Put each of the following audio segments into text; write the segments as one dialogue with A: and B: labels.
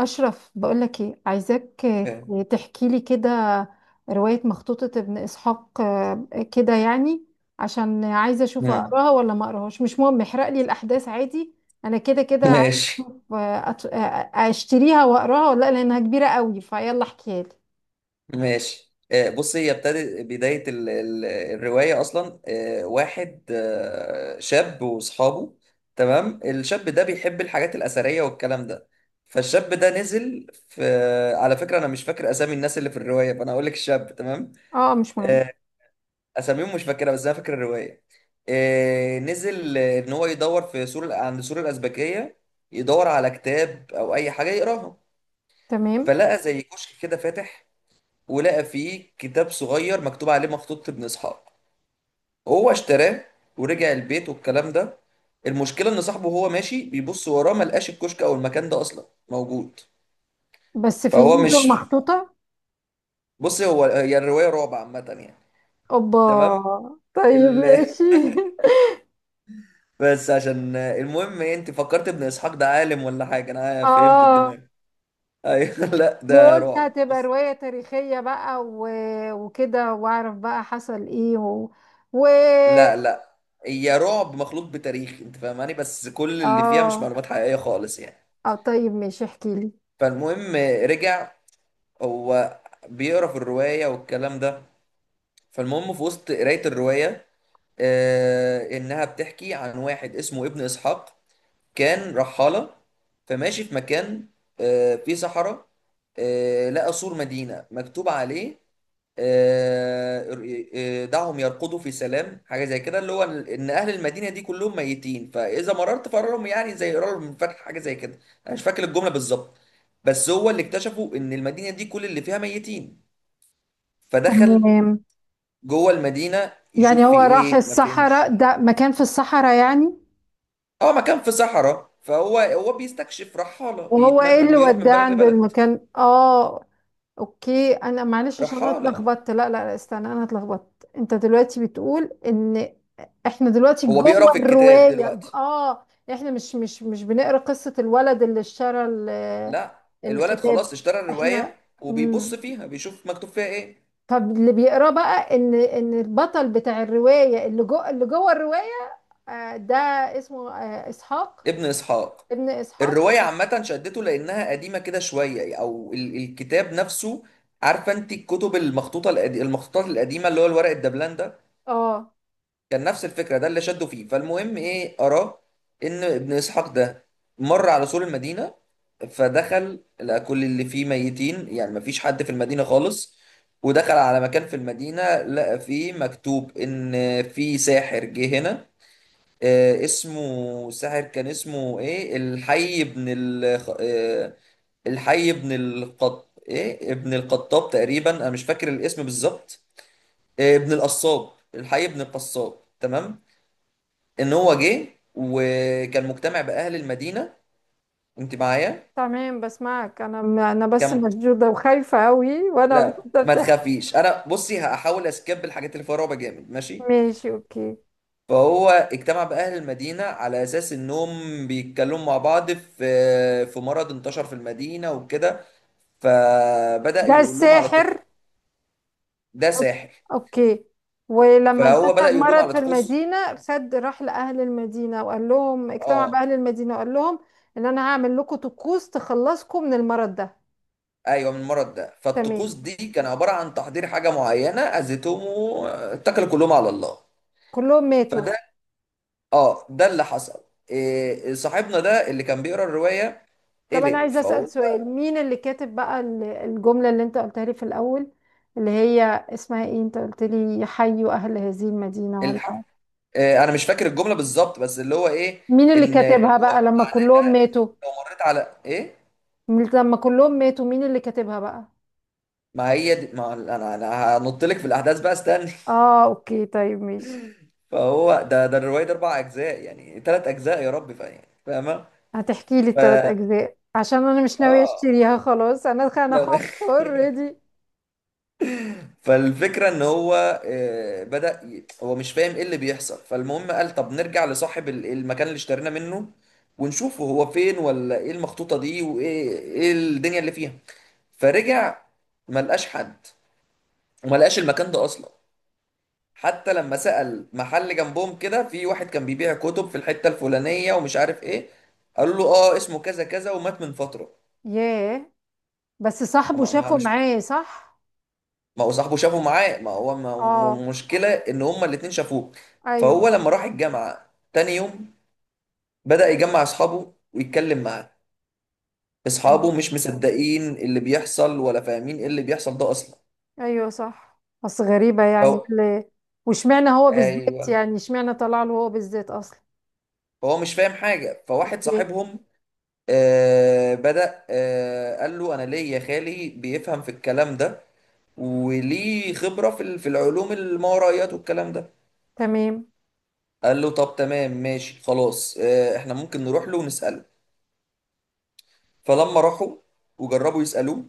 A: أشرف، بقولك إيه؟ عايزاك تحكي لي كده رواية مخطوطة ابن إسحاق، كده يعني. عشان عايزة أشوف
B: مم.
A: أقراها ولا ما أقراهاش. مش مهم، احرق لي الأحداث عادي. أنا كده كده عايزة
B: ماشي
A: أشوف. أشتريها وأقراها ولا لأ، لأنها كبيرة قوي. فيلا احكيها لي.
B: ماشي بص هي ابتدت بداية الرواية أصلا، واحد شاب وأصحابه. تمام، الشاب ده بيحب الحاجات الأثرية والكلام ده. فالشاب ده نزل في، على فكرة أنا مش فاكر أسامي الناس اللي في الرواية فأنا هقول لك الشاب، تمام؟
A: أه، مش مهم.
B: آه، أساميهم مش فاكرها بس أنا فاكر الرواية. نزل، إن هو يدور في سور، عند سور الأزبكية، يدور على كتاب أو أي حاجة يقراها.
A: تمام.
B: فلقى زي كشك كده فاتح، ولقى فيه كتاب صغير مكتوب عليه مخطوطة ابن إسحاق. هو اشتراه ورجع البيت والكلام ده. المشكلة إن صاحبه وهو ماشي بيبص وراه ملقاش الكشك أو المكان ده أصلا موجود.
A: بس في
B: فهو
A: إيده
B: مش
A: مخطوطة.
B: بص، هو هي الرواية رعب عامة يعني.
A: أوبا.
B: تمام.
A: طيب
B: ال...
A: ماشي
B: بس عشان المهم إيه، أنت فكرت ابن إسحاق ده عالم ولا حاجة؟ أنا فهمت الدماغ.
A: أه.
B: أيوه لا ده
A: وقلت
B: رعب
A: هتبقى
B: بص.
A: رواية تاريخية بقى وكده واعرف بقى حصل ايه و
B: لا، هي رعب مخلوط بتاريخ أنت فاهماني، بس كل اللي فيها مش
A: اه.
B: معلومات حقيقية خالص يعني.
A: اه طيب ماشي، احكي لي.
B: فالمهم، رجع هو بيقرا في الروايه والكلام ده. فالمهم في وسط قرايه الروايه، انها بتحكي عن واحد اسمه ابن اسحاق، كان رحالة، فماشي في مكان فيه صحراء. لقى سور مدينة مكتوب عليه آه، دعهم يرقدوا في سلام، حاجة زي كده، اللي هو إن أهل المدينة دي كلهم ميتين فإذا مررت فقرهم، يعني زي قرار من فتح، حاجة زي كده. أنا مش فاكر الجملة بالظبط، بس هو اللي اكتشفوا إن المدينة دي كل اللي فيها ميتين. فدخل
A: تمام.
B: جوه المدينة
A: يعني
B: يشوف في
A: هو راح
B: إيه، ما فهمش.
A: الصحراء؟ ده مكان في الصحراء يعني.
B: اه، مكان في صحراء، فهو بيستكشف، رحالة،
A: وهو ايه اللي
B: بيروح من
A: وداه
B: بلد
A: عند
B: لبلد.
A: المكان؟ اه. اوكي، انا معلش عشان انا
B: رحالة.
A: اتلخبطت. لا، استنى، انا اتلخبطت. انت دلوقتي بتقول ان احنا دلوقتي
B: هو
A: جوه
B: بيقرا في الكتاب
A: الرواية؟
B: دلوقتي.
A: اه. احنا مش بنقرا قصة الولد اللي اشترى ال-
B: لا، الولد
A: الكتاب؟
B: خلاص اشترى
A: احنا.
B: الرواية وبيبص
A: مم.
B: فيها بيشوف مكتوب فيها ايه.
A: طب اللي بيقراه بقى ان البطل بتاع الرواية اللي جوه، اللي جوه الرواية، ده اسمه اسحاق؟
B: ابن اسحاق.
A: ابن اسحاق.
B: الرواية عامة شدته لأنها قديمة كده شوية أو الكتاب نفسه. عارفة أنت الكتب المخطوطة المخطوطات القديمة اللي هو الورق الدبلان ده؟
A: اه
B: كان نفس الفكرة، ده اللي شده فيه. فالمهم ايه، أراه إن ابن إسحاق ده مر على سور المدينة، فدخل لقى كل اللي فيه ميتين، يعني مفيش حد في المدينة خالص. ودخل على مكان في المدينة لقى فيه مكتوب إن في ساحر جه هنا. آه، اسمه ساحر، كان اسمه ايه، الحي ابن ال آه الحي ابن القط، ايه، ابن القطاب تقريبا، انا مش فاكر الاسم بالظبط. آه، ابن القصاب، الحي ابن القصاب، تمام. ان هو جه وكان مجتمع باهل المدينه. انت معايا؟
A: تمام، بسمعك. انا بس
B: كان،
A: مشدوده وخايفه قوي وانا
B: لا ما
A: بتبدا.
B: تخافيش، انا بصي هحاول اسكيب الحاجات اللي فيها رعب جامد، ماشي.
A: ماشي اوكي.
B: فهو اجتمع باهل المدينه على اساس انهم بيتكلموا مع بعض في، مرض انتشر في المدينه وكده. فبدا
A: ده
B: يقول لهم على
A: الساحر.
B: الطقوس. ده ساحر.
A: اوكي. ولما
B: فهو بدا
A: انتشر
B: يقول لهم
A: مرض
B: على
A: في
B: طقوس.
A: المدينة سد، راح لأهل المدينة وقال لهم، اجتمع
B: اه،
A: بأهل المدينة وقال لهم، ان انا هعمل لكم طقوس تخلصكم من المرض ده.
B: ايوه، من المرض ده. فالطقوس
A: تمام.
B: دي كان عباره عن تحضير حاجه معينه، اذتهم واتكلوا كلهم على الله.
A: كلهم ماتوا.
B: فده، اه ده اللي حصل. إيه صاحبنا ده اللي كان بيقرا الروايه؟
A: طب انا
B: قلق،
A: عايزة أسأل
B: فهو
A: سؤال، مين اللي كاتب بقى ال- الجملة اللي انت قلتها لي في الأول، اللي هي اسمها ايه؟ انت قلت لي حيوا أهل هذه المدينة
B: الحق،
A: ولا.
B: إيه، انا مش فاكر الجمله بالظبط بس اللي هو ايه،
A: مين اللي
B: ان اللي
A: كاتبها
B: هو
A: بقى لما كلهم
B: منها ان
A: ماتوا؟
B: لو مريت على ايه،
A: لما كلهم ماتوا مين اللي كاتبها بقى؟
B: ما هي دي، ما انا هنط لك في الاحداث بقى استني.
A: اه اوكي، طيب ماشي.
B: فهو ده الروايه دي اربع اجزاء، يعني ثلاث اجزاء يا رب، فاهم فاهمه.
A: هتحكي لي
B: ف
A: التلات اجزاء؟ عشان انا مش ناوية
B: اه
A: اشتريها خلاص. انا
B: لا
A: خفت اوريدي.
B: فالفكرة ان هو، بدأ هو مش فاهم ايه اللي بيحصل. فالمهم قال طب نرجع لصاحب المكان اللي اشترينا منه، ونشوفه هو فين ولا ايه المخطوطة دي وايه الدنيا اللي فيها. فرجع، ما لقاش حد، وما لقاش المكان ده اصلا. حتى لما سأل محل جنبهم كده، في واحد كان بيبيع كتب في الحتة الفلانية ومش عارف ايه، قال له اه اسمه كذا كذا ومات من فترة.
A: ياه. بس صاحبه
B: ما ما-
A: شافه
B: مش
A: معاه صح؟
B: ما هو صاحبه شافه معاه، ما هو ما
A: اه.
B: م- مشكلة ان هما الاتنين شافوه. فهو
A: ايوه.
B: لما راح الجامعة تاني يوم بدأ يجمع اصحابه ويتكلم معاه. اصحابه
A: تمام.
B: مش مصدقين اللي بيحصل ولا فاهمين ايه اللي بيحصل ده اصلا.
A: ايوه صح، بس غريبة يعني
B: فهو،
A: اللي. واشمعنى هو بالذات
B: ايوه،
A: يعني؟ اشمعنى طلع له هو بالذات اصلا؟
B: فهو مش فاهم حاجة. فواحد
A: اوكي.
B: صاحبهم آه بدأ آه قال له انا ليه يا خالي بيفهم في الكلام ده، وليه خبرة في في العلوم الماورائيات والكلام ده.
A: تمام.
B: قال له طب تمام ماشي خلاص، احنا ممكن نروح له ونسأله. فلما راحوا وجربوا يسألوه،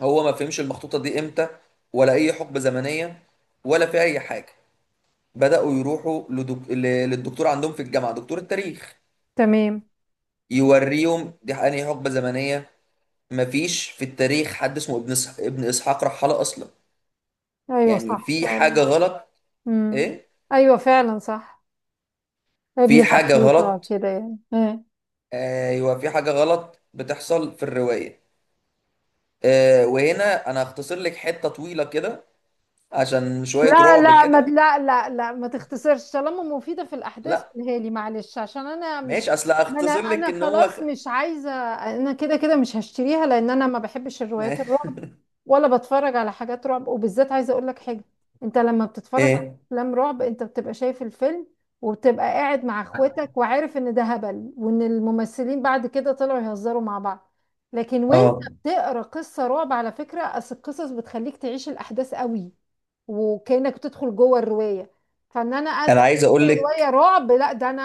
B: هو ما فهمش المخطوطة دي امتى ولا أي حقبة زمنية ولا في أي حاجة. بدأوا يروحوا للدكتور عندهم في الجامعة، دكتور التاريخ،
A: تمام.
B: يوريهم دي أنهي حقبة زمنية. مفيش في التاريخ حد اسمه ابن إسحاق رحالة أصلا،
A: ايوه
B: يعني
A: صح
B: في
A: فعلا.
B: حاجة غلط.
A: امم.
B: إيه؟
A: ايوه فعلا صح.
B: في
A: ابن
B: حاجة
A: بطوطة
B: غلط،
A: كده يعني.
B: أيوه في حاجة غلط بتحصل في الرواية. وهنا أنا هختصر لك حتة طويلة كده عشان شوية
A: لا
B: رعب
A: لا ما
B: كده.
A: لا لا لا ما تختصرش طالما مفيدة في الأحداث،
B: لا،
A: قولها لي معلش عشان أنا مش.
B: ماشي، اصل
A: ما أنا
B: اختصر لك
A: أنا
B: ان هو خ...
A: خلاص مش عايزة. أنا كده كده مش هشتريها لأن أنا ما بحبش
B: ما...
A: الروايات الرعب، ولا بتفرج على حاجات رعب. وبالذات عايزة أقول لك حاجة، أنت لما بتتفرج على
B: ايه
A: أفلام رعب أنت بتبقى شايف الفيلم، وبتبقى قاعد مع إخواتك وعارف إن ده هبل وإن الممثلين بعد كده طلعوا يهزروا مع بعض. لكن وأنت
B: اه
A: بتقرأ قصة رعب، على فكرة أصل القصص بتخليك تعيش الأحداث قوي، وكأنك بتدخل جوه الرواية. فان انا قاعد
B: انا عايز اقول
A: أقرأ رواية
B: لك،
A: رعب؟ لا ده انا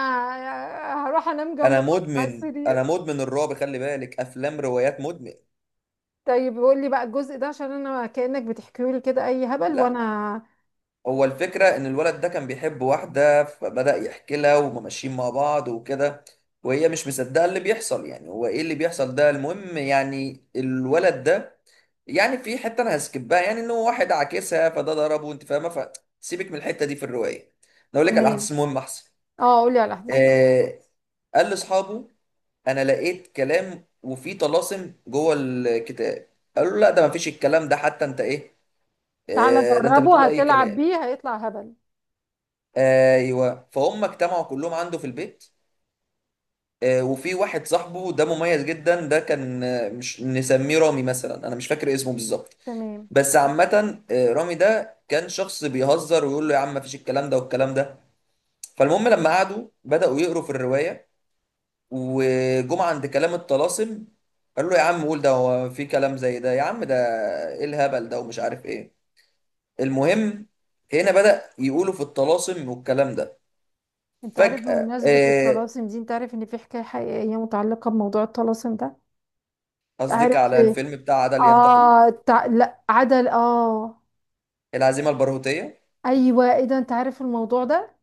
A: هروح انام جنب
B: انا
A: على
B: مدمن،
A: السرير.
B: انا مدمن الرعب، خلي بالك، افلام روايات، مدمن.
A: طيب قول لي بقى الجزء ده عشان انا كأنك بتحكي لي كده اي هبل
B: لا،
A: وانا.
B: هو الفكره ان الولد ده كان بيحب واحده، فبدأ يحكي لها وماشيين مع بعض وكده، وهي مش مصدقه اللي بيحصل، يعني هو ايه اللي بيحصل ده. المهم، يعني الولد ده، يعني في حته انا هسكبها، يعني ان هو واحد عاكسها فده ضربه، انت فاهمه. فسيبك من الحته دي في الروايه، أنا اقول لك على
A: تمام.
B: الاحداث المهمه احسن.
A: اه قول لي على الاحداث.
B: آه، قال لاصحابه انا لقيت كلام وفيه طلاسم جوه الكتاب، قالوا له لا ده ما فيش الكلام ده، حتى انت ايه،
A: تعالى
B: ده انت بتقول
A: جربه
B: اي
A: هتلعب
B: كلام.
A: بيه هيطلع هبل.
B: ايوه، فهم اجتمعوا كلهم عنده في البيت. وفي واحد صاحبه ده مميز جدا، ده كان، مش نسميه رامي مثلا، انا مش فاكر اسمه بالظبط،
A: تمام.
B: بس عامة رامي ده كان شخص بيهزر ويقول له يا عم ما فيش الكلام ده والكلام ده. فالمهم لما قعدوا بدأوا يقروا في الرواية، وجم عند كلام الطلاسم، قالوا له يا عم قول، ده هو في كلام زي ده يا عم، ده ايه الهبل ده ومش عارف ايه. المهم، هنا بدأ يقولوا في الطلاسم والكلام ده.
A: انت عارف
B: فجأة،
A: بمناسبة الطلاسم دي، انت عارف ان في حكاية حقيقية متعلقة بموضوع الطلاسم ده؟
B: قصدك
A: عارف
B: على
A: ايه؟
B: الفيلم بتاع عدل ينتقم؟
A: اه تع-. لا عدل اه.
B: العزيمة البارهوتية.
A: ايوه، ايه ده؟ انت عارف الموضوع ده؟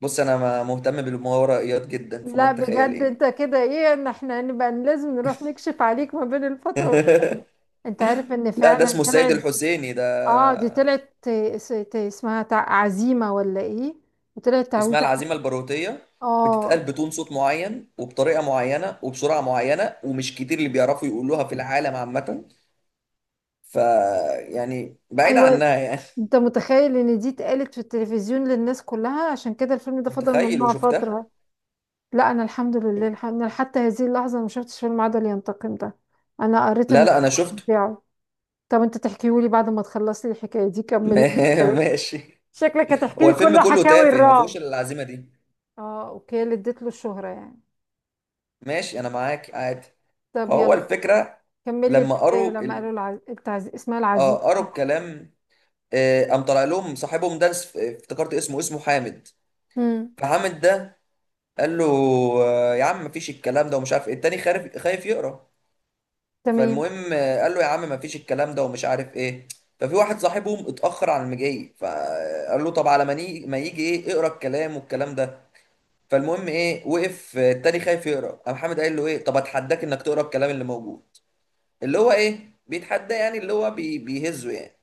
B: بص انا مهتم بالماورائيات جدا، فما
A: لا
B: انت تخيل
A: بجد،
B: يعني.
A: انت كده ايه. ان احنا نبقى لازم نروح نكشف عليك ما بين الفترة وال-. انت عارف ان
B: لا ده اسمه
A: فعلا
B: السيد
A: طلعت.
B: الحسيني ده.
A: اه دي طلعت ت- س- ت- اسمها تع- عزيمة ولا ايه؟ وطلعت
B: اسمها
A: تعويضة ح-.
B: العزيمة البارهوتية، بتتقال
A: اه.
B: بتون صوت معين وبطريقة معينة وبسرعة معينة، ومش كتير اللي بيعرفوا يقولوها في العالم عامة. ف يعني بعيد
A: ايوه.
B: عنها يعني.
A: انت متخيل ان دي اتقالت في التلفزيون للناس كلها؟ عشان كده الفيلم ده فضل
B: متخيل
A: ممنوع
B: وشفتها.
A: فترة. لا انا الحمد لله الح- انا حتى هذه اللحظة ما شفتش فيلم عدل ينتقم ده، انا قريت
B: لا
A: الملخص
B: لا انا شفته.
A: بتاعه. طب انت تحكيهولي بعد ما تخلصي الحكاية دي، كمل.
B: ماشي.
A: شكلك هتحكي
B: هو
A: لي
B: الفيلم
A: كل
B: كله
A: حكاوي
B: تافه ما فيهوش
A: الرعب.
B: إلا العزيمه دي.
A: اه اوكي، اللي اديت له الشهرة يعني.
B: ماشي انا معاك عادي.
A: طب
B: فهو
A: يلا،
B: الفكره،
A: كمل لي
B: لما
A: الحكاية.
B: قروا
A: لما
B: ال...
A: قالوا العز- التعز- اسمها العزيز.
B: اه قروا الكلام. قام طلع لهم صاحبهم ده، افتكرت اسمه، اسمه حامد.
A: امم.
B: فحامد ده قال له، يا عم مفيش الكلام ده ومش عارف إيه. التاني خارف، خايف يقرا.
A: تمام.
B: فالمهم، قال له يا عم ما فيش الكلام ده ومش عارف ايه. ففي واحد صاحبهم اتأخر على المجي، فقال له طب على ما يجي ايه اقرا الكلام والكلام ده. فالمهم ايه، وقف التاني خايف يقرا، قام حامد قال له ايه، طب اتحداك انك تقرا الكلام اللي موجود. اللي هو ايه بيتحدى، يعني اللي هو بيهزه يعني.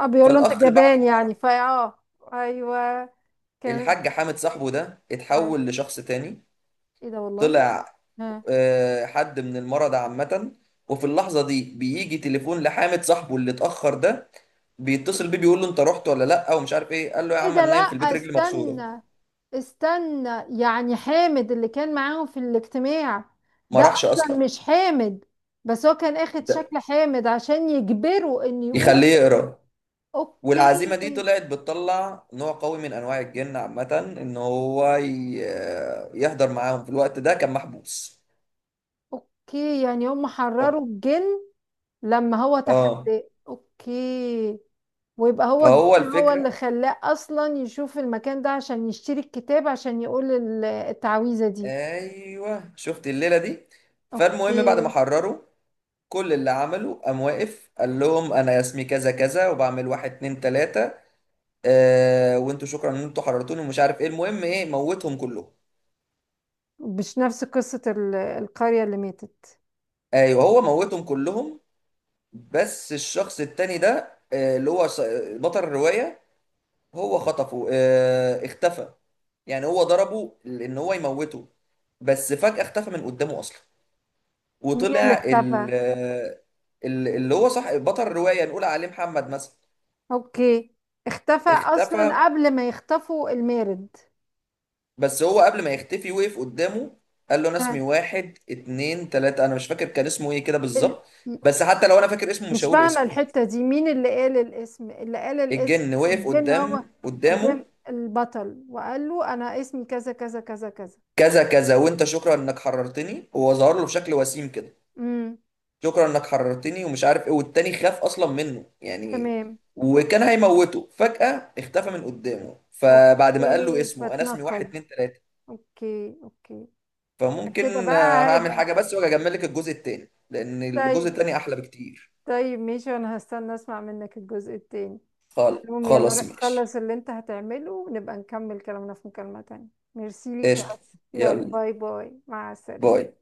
A: اه، بيقول له انت
B: فالاخ بعد،
A: جبان يعني فا اه. ايوه، كمل.
B: الحاج حامد صاحبه ده
A: آه.
B: اتحول لشخص تاني.
A: ايه ده والله.
B: طلع،
A: ها.
B: حد من المرضى عامة. وفي اللحظة دي بيجي تليفون لحامد صاحبه اللي اتأخر ده، بيتصل بيه بيقول له انت رحت ولا لا ومش عارف ايه. قال له يا
A: ايه
B: عم
A: ده؟
B: انا
A: لا
B: نايم في البيت رجلي مكسوره،
A: استنى، استنى. يعني حامد اللي كان معاهم في الاجتماع
B: ما
A: ده
B: راحش
A: اصلا
B: اصلا.
A: مش حامد؟ بس هو كان اخد
B: ده
A: شكل حامد عشان يجبره ان يقول.
B: يخليه يقرا.
A: اوكي.
B: والعزيمه دي طلعت بتطلع نوع قوي من انواع الجن عامه، ان هو يحضر معاهم، في الوقت ده كان محبوس.
A: اوكي. يعني هم
B: اه.
A: حرروا الجن لما هو
B: اه.
A: تحداه؟ اوكي. ويبقى هو
B: فهو
A: الجن هو اللي
B: الفكره،
A: خلاه اصلا يشوف المكان ده عشان يشتري الكتاب عشان يقول ال- التعويذة دي.
B: ايوه شفت الليله دي. فالمهم بعد ما
A: اوكي.
B: حرروا، كل اللي عمله قام واقف قال لهم انا اسمي كذا كذا وبعمل واحد اتنين تلاته. وانتوا شكرا ان انتوا حررتوني ومش عارف ايه. المهم ايه، موتهم كلهم.
A: مش نفس قصة ال- القرية اللي ماتت؟
B: ايوه هو موتهم كلهم، بس الشخص التاني ده اللي هو بطل الرواية، هو خطفه، اختفى. يعني هو ضربه ان هو يموته، بس فجأة اختفى من قدامه اصلا.
A: مين اللي
B: وطلع
A: اختفى؟
B: اللي هو صح بطل الرواية، نقول عليه محمد مثلا.
A: اوكي. اختفى
B: اختفى،
A: اصلا قبل ما يختفوا المارد؟
B: بس هو قبل ما يختفي وقف قدامه، قال له انا اسمي
A: ها.
B: واحد اتنين تلاتة، انا مش فاكر كان اسمه ايه كده
A: ال-.
B: بالظبط، بس حتى لو انا فاكر اسمه مش
A: مش
B: هقول
A: فاهمة
B: اسمه يعني.
A: الحتة دي، مين اللي قال الاسم؟ اللي قال الاسم
B: الجن وقف
A: قدام هو. قدام
B: قدامه
A: البطل وقال له أنا اسمي كذا كذا كذا كذا.
B: كذا كذا، وانت شكرا انك حررتني. هو ظهر له بشكل وسيم كده،
A: امم.
B: شكرا انك حررتني ومش عارف ايه، والتاني خاف اصلا منه يعني،
A: تمام.
B: وكان هيموته، فجأة اختفى من قدامه. فبعد ما قال له
A: اوكي،
B: اسمه، انا اسمي واحد
A: فاتنقل.
B: اتنين تلاتة،
A: اوكي اوكي. كده
B: فممكن،
A: بقى
B: هعمل
A: هيبقى.
B: حاجة بس واجي اجمل لك الجزء التاني، لان الجزء
A: طيب.
B: التاني احلى بكتير.
A: طيب ماشي، وانا هستنى اسمع منك الجزء التاني.
B: خالص،
A: المهم يلا
B: خلاص
A: روح
B: ماشي.
A: خلص اللي انت هتعمله ونبقى نكمل كلامنا في مكالمة تانية. ميرسي ليك يا أسماء.
B: قشطة.
A: يلا
B: يلا
A: باي باي، مع السلامة.
B: باي.